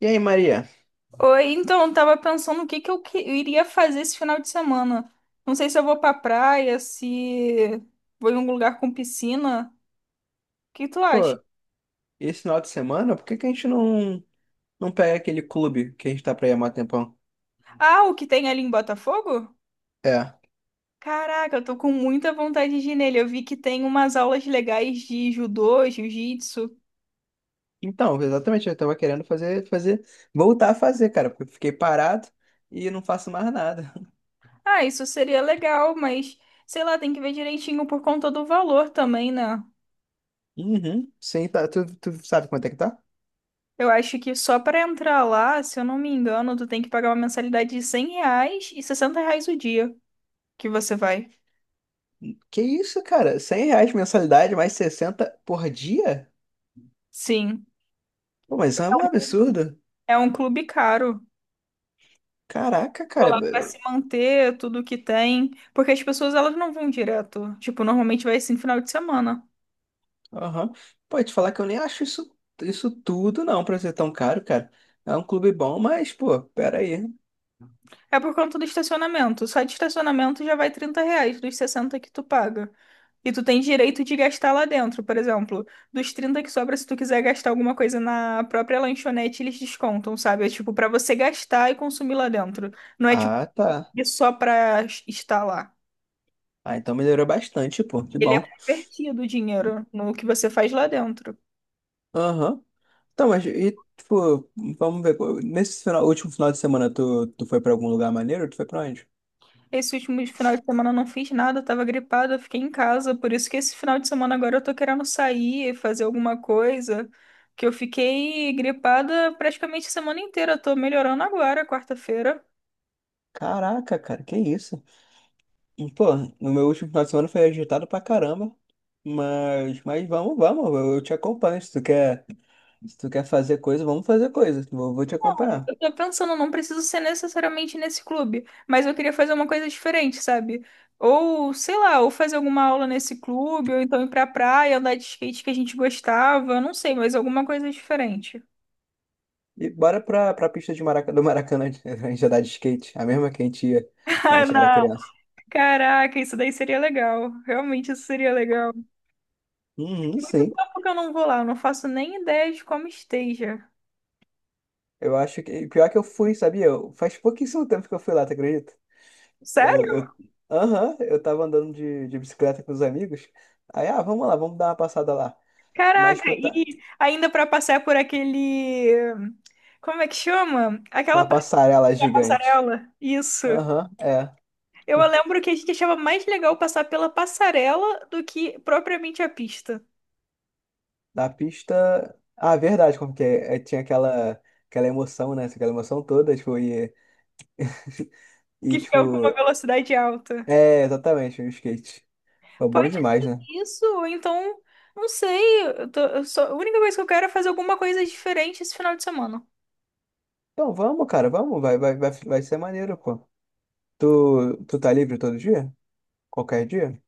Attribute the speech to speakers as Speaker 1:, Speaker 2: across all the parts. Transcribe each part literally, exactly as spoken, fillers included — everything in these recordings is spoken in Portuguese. Speaker 1: E aí, Maria?
Speaker 2: Oi, então, eu tava pensando o que que eu, que- eu iria fazer esse final de semana. Não sei se eu vou pra praia, se vou em um lugar com piscina. O que tu acha?
Speaker 1: Pô, esse final de semana, por que que a gente não, não pega aquele clube que a gente tá pra ir há mó tempão?
Speaker 2: Ah, o que tem ali em Botafogo?
Speaker 1: É.
Speaker 2: Caraca, eu tô com muita vontade de ir nele. Eu vi que tem umas aulas legais de judô, jiu-jitsu.
Speaker 1: Então, exatamente, eu tava querendo fazer, fazer, voltar a fazer, cara, porque eu fiquei parado e não faço mais nada.
Speaker 2: Ah, isso seria legal, mas sei lá, tem que ver direitinho por conta do valor também, né?
Speaker 1: Uhum. Sim, tá, tu, tu sabe quanto é que tá?
Speaker 2: Eu acho que só pra entrar lá, se eu não me engano, tu tem que pagar uma mensalidade de cem reais e sessenta reais o dia. Que você vai.
Speaker 1: Que isso, cara? Cem reais mensalidade, mais sessenta por dia?
Speaker 2: Sim,
Speaker 1: Pô, mas isso é um absurdo.
Speaker 2: é um clube caro.
Speaker 1: Caraca,
Speaker 2: Pô,
Speaker 1: cara.
Speaker 2: lá vai
Speaker 1: b-
Speaker 2: se manter tudo que tem, porque as pessoas elas não vão direto. Tipo, normalmente vai assim final de semana.
Speaker 1: Aham. Pô, te falar que eu nem acho isso, isso tudo, não, pra ser tão caro, cara. É um clube bom, mas, pô, peraí.
Speaker 2: É por conta do estacionamento. Só de estacionamento já vai trinta reais dos sessenta que tu paga. E tu tem direito de gastar lá dentro, por exemplo. Dos trinta que sobra, se tu quiser gastar alguma coisa na própria lanchonete, eles descontam, sabe? É tipo, pra você gastar e consumir lá dentro. Não é tipo,
Speaker 1: Ah, tá.
Speaker 2: só pra estar lá.
Speaker 1: Ah, então melhorou bastante, pô. Que
Speaker 2: Ele é
Speaker 1: bom.
Speaker 2: convertido o dinheiro no que você faz lá dentro.
Speaker 1: Aham. Então, mas e, tipo, vamos ver. Pô, nesse final, último final de semana, tu, tu foi pra algum lugar maneiro? Tu foi pra onde?
Speaker 2: Esse último final de semana eu não fiz nada, eu tava gripada, eu fiquei em casa. Por isso que esse final de semana agora eu tô querendo sair, fazer alguma coisa. Que eu fiquei gripada praticamente a semana inteira. Eu tô melhorando agora, quarta-feira.
Speaker 1: Caraca, cara, que isso? E, pô, no meu último final de semana foi agitado pra caramba. Mas, mas vamos, vamos. Eu, eu te acompanho. Se tu quer, se tu quer fazer coisa, vamos fazer coisa. Vou, vou te acompanhar.
Speaker 2: Eu tô pensando, não preciso ser necessariamente nesse clube, mas eu queria fazer uma coisa diferente, sabe? Ou, sei lá, ou fazer alguma aula nesse clube, ou então ir pra praia, andar de skate que a gente gostava, eu não sei, mas alguma coisa diferente.
Speaker 1: E bora pra, pra pista de Maraca, do Maracanã, a gente andar de skate. A mesma que a gente ia quando a
Speaker 2: Ah,
Speaker 1: gente era
Speaker 2: não.
Speaker 1: criança.
Speaker 2: Caraca, isso daí seria legal. Realmente isso seria legal.
Speaker 1: Uhum,
Speaker 2: Tem muito
Speaker 1: sim.
Speaker 2: tempo que eu não vou lá, eu não faço nem ideia de como esteja.
Speaker 1: Eu acho que. Pior que eu fui, sabia? Eu- Faz pouquíssimo tempo que eu fui lá, tu acredita? Eu,
Speaker 2: Sério?
Speaker 1: eu... Aham, eu tava andando de, de bicicleta com os amigos. Aí, ah, vamos lá, vamos dar uma passada lá. Mas,
Speaker 2: Caraca,
Speaker 1: tipo, puta,
Speaker 2: e ainda pra passar por aquele. Como é que chama? Aquela
Speaker 1: aquela
Speaker 2: parte
Speaker 1: passarela
Speaker 2: da
Speaker 1: gigante.
Speaker 2: passarela. Isso.
Speaker 1: Aham, é.
Speaker 2: Eu lembro que a gente achava mais legal passar pela passarela do que propriamente a pista,
Speaker 1: Da pista. Ah, verdade, como que é? É, tinha aquela, aquela emoção, né? Aquela emoção toda, tipo, e, e
Speaker 2: que ficava com uma
Speaker 1: tipo.
Speaker 2: velocidade alta.
Speaker 1: É, exatamente, o skate. Foi bom
Speaker 2: Pode
Speaker 1: demais,
Speaker 2: ser
Speaker 1: né?
Speaker 2: isso, ou então, não sei. Eu tô- eu só- A única coisa que eu quero é fazer alguma coisa diferente esse final de semana.
Speaker 1: Então vamos, cara, vamos, vai, vai, vai, vai ser maneiro, pô. Tu, tu tá livre todo dia? Qualquer dia?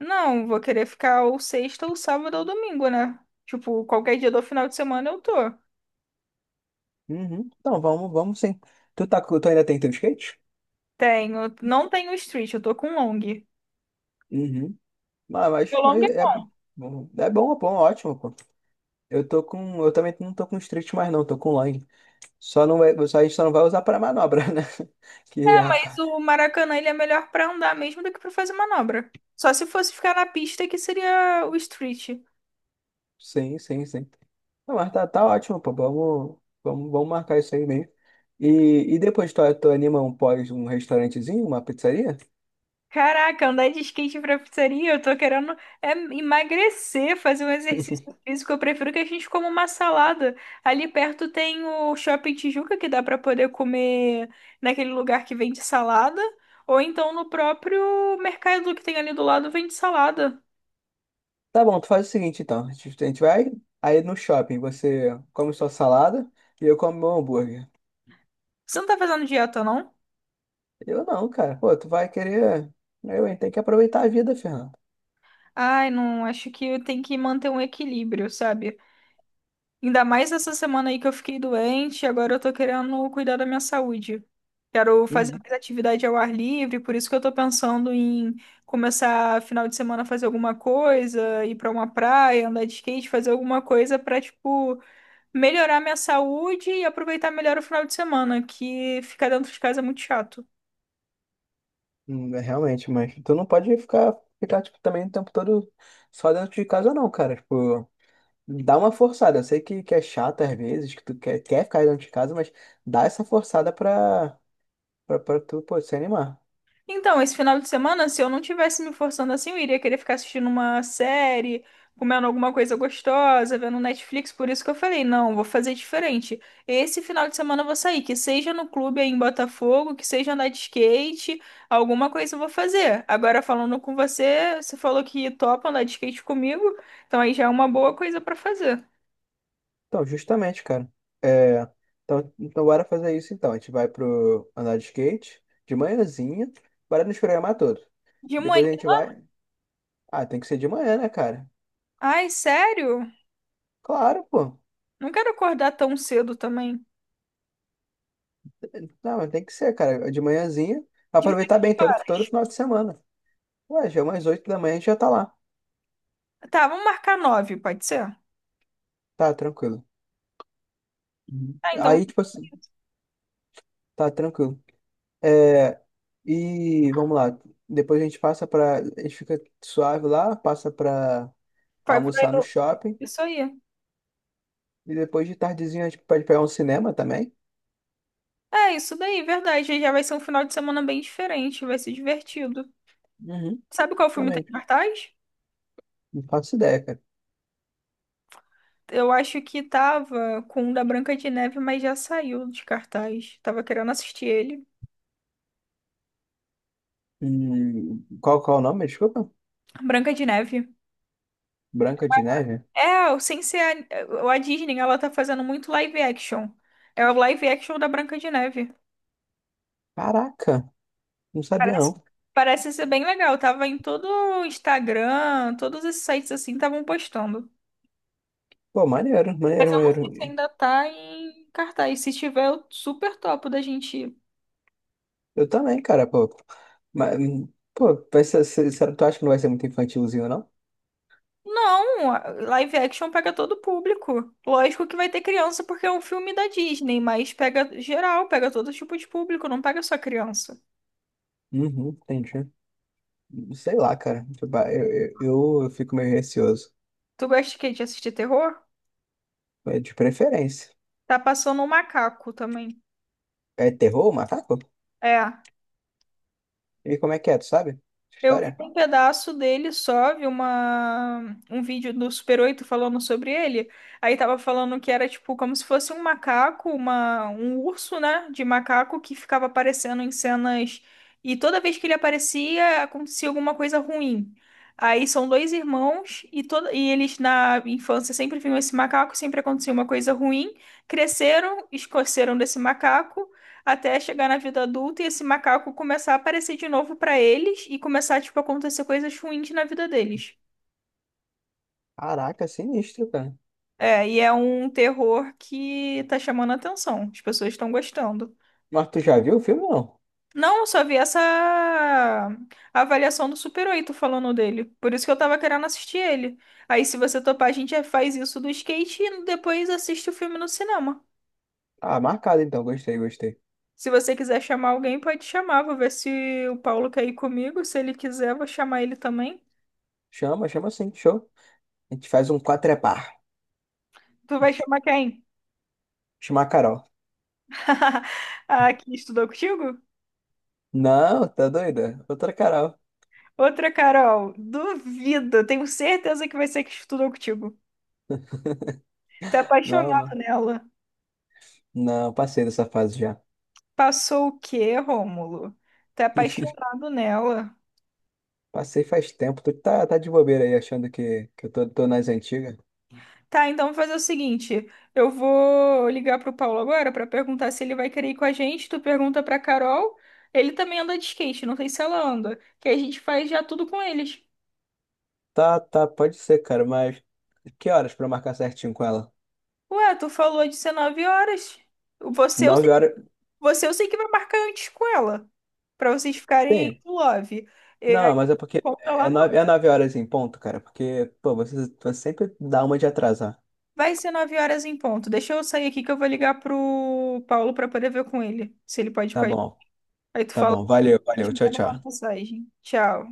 Speaker 2: Não, vou querer ficar ou sexta, ou sábado, ou domingo, né? Tipo, qualquer dia do final de semana eu tô.
Speaker 1: Uhum. Então, vamos, vamos sim. Tu, tá, com- tu ainda tem teu skate?
Speaker 2: Tenho, não tenho street, eu tô com long. Meu
Speaker 1: Uhum. Mas, mas,
Speaker 2: long é
Speaker 1: mas é, é bom, é bom, ótimo, pô. Eu tô com. Eu também não tô com street mais, não, tô com long. Só não vai, só, a gente só não vai usar pra manobra, né? Que,
Speaker 2: mais
Speaker 1: rapaz.
Speaker 2: o Maracanã, ele é melhor pra andar mesmo do que pra fazer manobra. Só se fosse ficar na pista que seria o street.
Speaker 1: Sim, sim, sim. Não, mas tá, tá ótimo, pô. Vamos, vamos, vamos marcar isso aí mesmo. E, e depois tu, tu anima um pós, um restaurantezinho, uma pizzaria?
Speaker 2: Caraca, andar de skate pra pizzaria, eu tô querendo é, emagrecer, fazer um exercício físico. Eu prefiro que a gente coma uma salada. Ali perto tem o Shopping Tijuca, que dá pra poder comer naquele lugar que vende salada, ou então no próprio mercado que tem ali do lado vende salada.
Speaker 1: Tá bom, tu faz o seguinte então. A gente a gente vai aí no shopping, você come sua salada e eu como meu hambúrguer.
Speaker 2: Você não tá fazendo dieta, não?
Speaker 1: Eu não, cara. Pô, tu vai querer. Eu, hein? Tem que aproveitar a vida, Fernando.
Speaker 2: Ai, não, acho que eu tenho que manter um equilíbrio, sabe? Ainda mais essa semana aí que eu fiquei doente, agora eu tô querendo cuidar da minha saúde. Quero fazer
Speaker 1: Uhum.
Speaker 2: mais atividade ao ar livre, por isso que eu tô pensando em começar final de semana a fazer alguma coisa, ir pra uma praia, andar de skate, fazer alguma coisa pra, tipo, melhorar minha saúde e aproveitar melhor o final de semana, que ficar dentro de casa é muito chato.
Speaker 1: Hum, é, realmente, mas tu não pode ficar, ficar tipo, também o tempo todo só dentro de casa, não, cara. Tipo, dá uma forçada. Eu sei que, que é chato às vezes, que tu quer, quer ficar dentro de casa, mas dá essa forçada pra, pra, pra tu, pô, se animar.
Speaker 2: Então, esse final de semana, se eu não tivesse me forçando assim, eu iria querer ficar assistindo uma série, comendo alguma coisa gostosa, vendo Netflix. Por isso que eu falei, não, vou fazer diferente. Esse final de semana eu vou sair, que seja no clube aí em Botafogo, que seja andar de skate, alguma coisa eu vou fazer. Agora, falando com você, você falou que topa andar de skate comigo, então aí já é uma boa coisa pra fazer.
Speaker 1: Então, justamente, cara. É, então, então, bora fazer isso então. A gente vai pro andar de skate de manhãzinha, bora nos programar todo.
Speaker 2: De manhã.
Speaker 1: Depois a gente vai. Ah, tem que ser de manhã, né, cara?
Speaker 2: Ai, sério?
Speaker 1: Claro, pô.
Speaker 2: Não quero acordar tão cedo também.
Speaker 1: Não, mas tem que ser, cara. De manhãzinha.
Speaker 2: De manhã,
Speaker 1: Aproveitar bem
Speaker 2: que
Speaker 1: todo,
Speaker 2: hora?
Speaker 1: todo final de semana. Ué, já é umas oito da manhã a gente já tá lá.
Speaker 2: Tá, vamos marcar nove, pode ser?
Speaker 1: Tá, tranquilo. Uhum.
Speaker 2: Tá, então
Speaker 1: Aí, tipo assim, tá tranquilo. É, e vamos lá. Depois a gente passa pra. A gente fica suave lá, passa pra
Speaker 2: Vai, vai
Speaker 1: almoçar no
Speaker 2: no-
Speaker 1: shopping.
Speaker 2: isso aí.
Speaker 1: E depois de tardezinha a gente pode pegar um cinema também?
Speaker 2: É, isso daí, verdade. Já vai ser um final de semana bem diferente, vai ser divertido.
Speaker 1: Uhum,
Speaker 2: Sabe qual filme tá
Speaker 1: também.
Speaker 2: em
Speaker 1: Tipo,
Speaker 2: cartaz?
Speaker 1: não faço ideia, cara.
Speaker 2: Eu acho que tava com o da Branca de Neve, mas já saiu de cartaz. Tava querendo assistir ele.
Speaker 1: Hum, qual, qual é o nome? Desculpa.
Speaker 2: Branca de Neve.
Speaker 1: Branca de Neve?
Speaker 2: É, o- sem ser a, a Disney, ela tá fazendo muito live action. É o live action da Branca de Neve.
Speaker 1: Caraca, não sabia
Speaker 2: Parece,
Speaker 1: não.
Speaker 2: parece ser bem legal. Tava em todo o Instagram, todos esses sites assim estavam postando.
Speaker 1: Pô, maneiro,
Speaker 2: Mas
Speaker 1: maneiro,
Speaker 2: eu não
Speaker 1: maneiro.
Speaker 2: sei se ainda tá em cartaz. Se tiver, eu super topo da gente ir.
Speaker 1: Eu também, cara, pô. Mas, hum, pô, vai ser, se- será que tu acha que não vai ser muito infantilzinho, não?
Speaker 2: Não, a- live action pega todo o público. Lógico que vai ter criança porque é um filme da Disney, mas pega geral, pega todo tipo de público, não pega só criança.
Speaker 1: Uhum, entendi. Sei lá, cara. Tipo, ah, Eu, eu, eu, eu fico meio receoso.
Speaker 2: Tu gosta de quê? De assistir terror?
Speaker 1: É de preferência.
Speaker 2: Tá passando um macaco também.
Speaker 1: É terror, o macaco?
Speaker 2: É.
Speaker 1: E como é que é, tu sabe?
Speaker 2: Eu vi
Speaker 1: História?
Speaker 2: um pedaço dele só, vi uma, um vídeo do Super Oito falando sobre ele. Aí tava falando que era tipo como se fosse um macaco, uma, um urso, né? De macaco que ficava aparecendo em cenas. E toda vez que ele aparecia, acontecia alguma coisa ruim. Aí são dois irmãos e, toda, e eles na infância sempre viam esse macaco, sempre acontecia uma coisa ruim. Cresceram, esqueceram desse macaco até chegar na vida adulta e esse macaco começar a aparecer de novo pra eles e começar, tipo, a acontecer coisas ruins na vida deles.
Speaker 1: Caraca, sinistro, cara.
Speaker 2: É, e é um terror que tá chamando a atenção. As pessoas estão gostando.
Speaker 1: Mas tu já viu o filme, ou não?
Speaker 2: Não, eu só vi essa avaliação do Super Oito falando dele. Por isso que eu tava querendo assistir ele. Aí, se você topar, a gente já faz isso do skate e depois assiste o filme no cinema.
Speaker 1: Ah, marcado então, gostei, gostei.
Speaker 2: Se você quiser chamar alguém, pode chamar. Vou ver se o Paulo quer ir comigo. Se ele quiser, vou chamar ele também.
Speaker 1: Chama, chama sim, show. A gente faz um quatrepar.
Speaker 2: Tu vai chamar quem?
Speaker 1: Chama a Carol.
Speaker 2: Ah, que estudou contigo?
Speaker 1: Não, tá doida? Outra Carol.
Speaker 2: Outra Carol, duvido. Tenho certeza que vai ser que estudou contigo. Tá
Speaker 1: Não,
Speaker 2: apaixonado
Speaker 1: não.
Speaker 2: nela.
Speaker 1: Não, passei dessa fase já.
Speaker 2: Passou o quê, Rômulo? Tá apaixonado nela.
Speaker 1: Passei faz tempo. Tu tá, tá de bobeira aí, achando que, que eu tô, tô nas antigas.
Speaker 2: Tá, então vou fazer o seguinte. Eu vou ligar pro Paulo agora pra perguntar se ele vai querer ir com a gente. Tu pergunta pra Carol. Ele também anda de skate, não sei se ela anda. Que a gente faz já tudo com eles.
Speaker 1: Tá, tá, pode ser, cara, mas que horas pra eu marcar certinho com ela?
Speaker 2: Ué, tu falou de dezenove horas. Você, é o
Speaker 1: Nove horas?
Speaker 2: Você eu sei que vai marcar antes com ela. Pra vocês ficarem
Speaker 1: Sim.
Speaker 2: aí no love. E
Speaker 1: Não,
Speaker 2: aí
Speaker 1: mas é porque
Speaker 2: compra
Speaker 1: é
Speaker 2: lá
Speaker 1: nove,
Speaker 2: no...
Speaker 1: é nove horas em ponto, cara, porque, pô, você, você sempre dá uma de atrasar.
Speaker 2: Vai ser nove horas em ponto. Deixa eu sair aqui que eu vou ligar pro Paulo pra poder ver com ele. Se ele pode ir
Speaker 1: Tá
Speaker 2: com a gente.
Speaker 1: bom,
Speaker 2: Aí tu
Speaker 1: tá
Speaker 2: fala,
Speaker 1: bom. Valeu,
Speaker 2: te
Speaker 1: valeu. Tchau,
Speaker 2: manda uma
Speaker 1: tchau.
Speaker 2: mensagem. Tchau.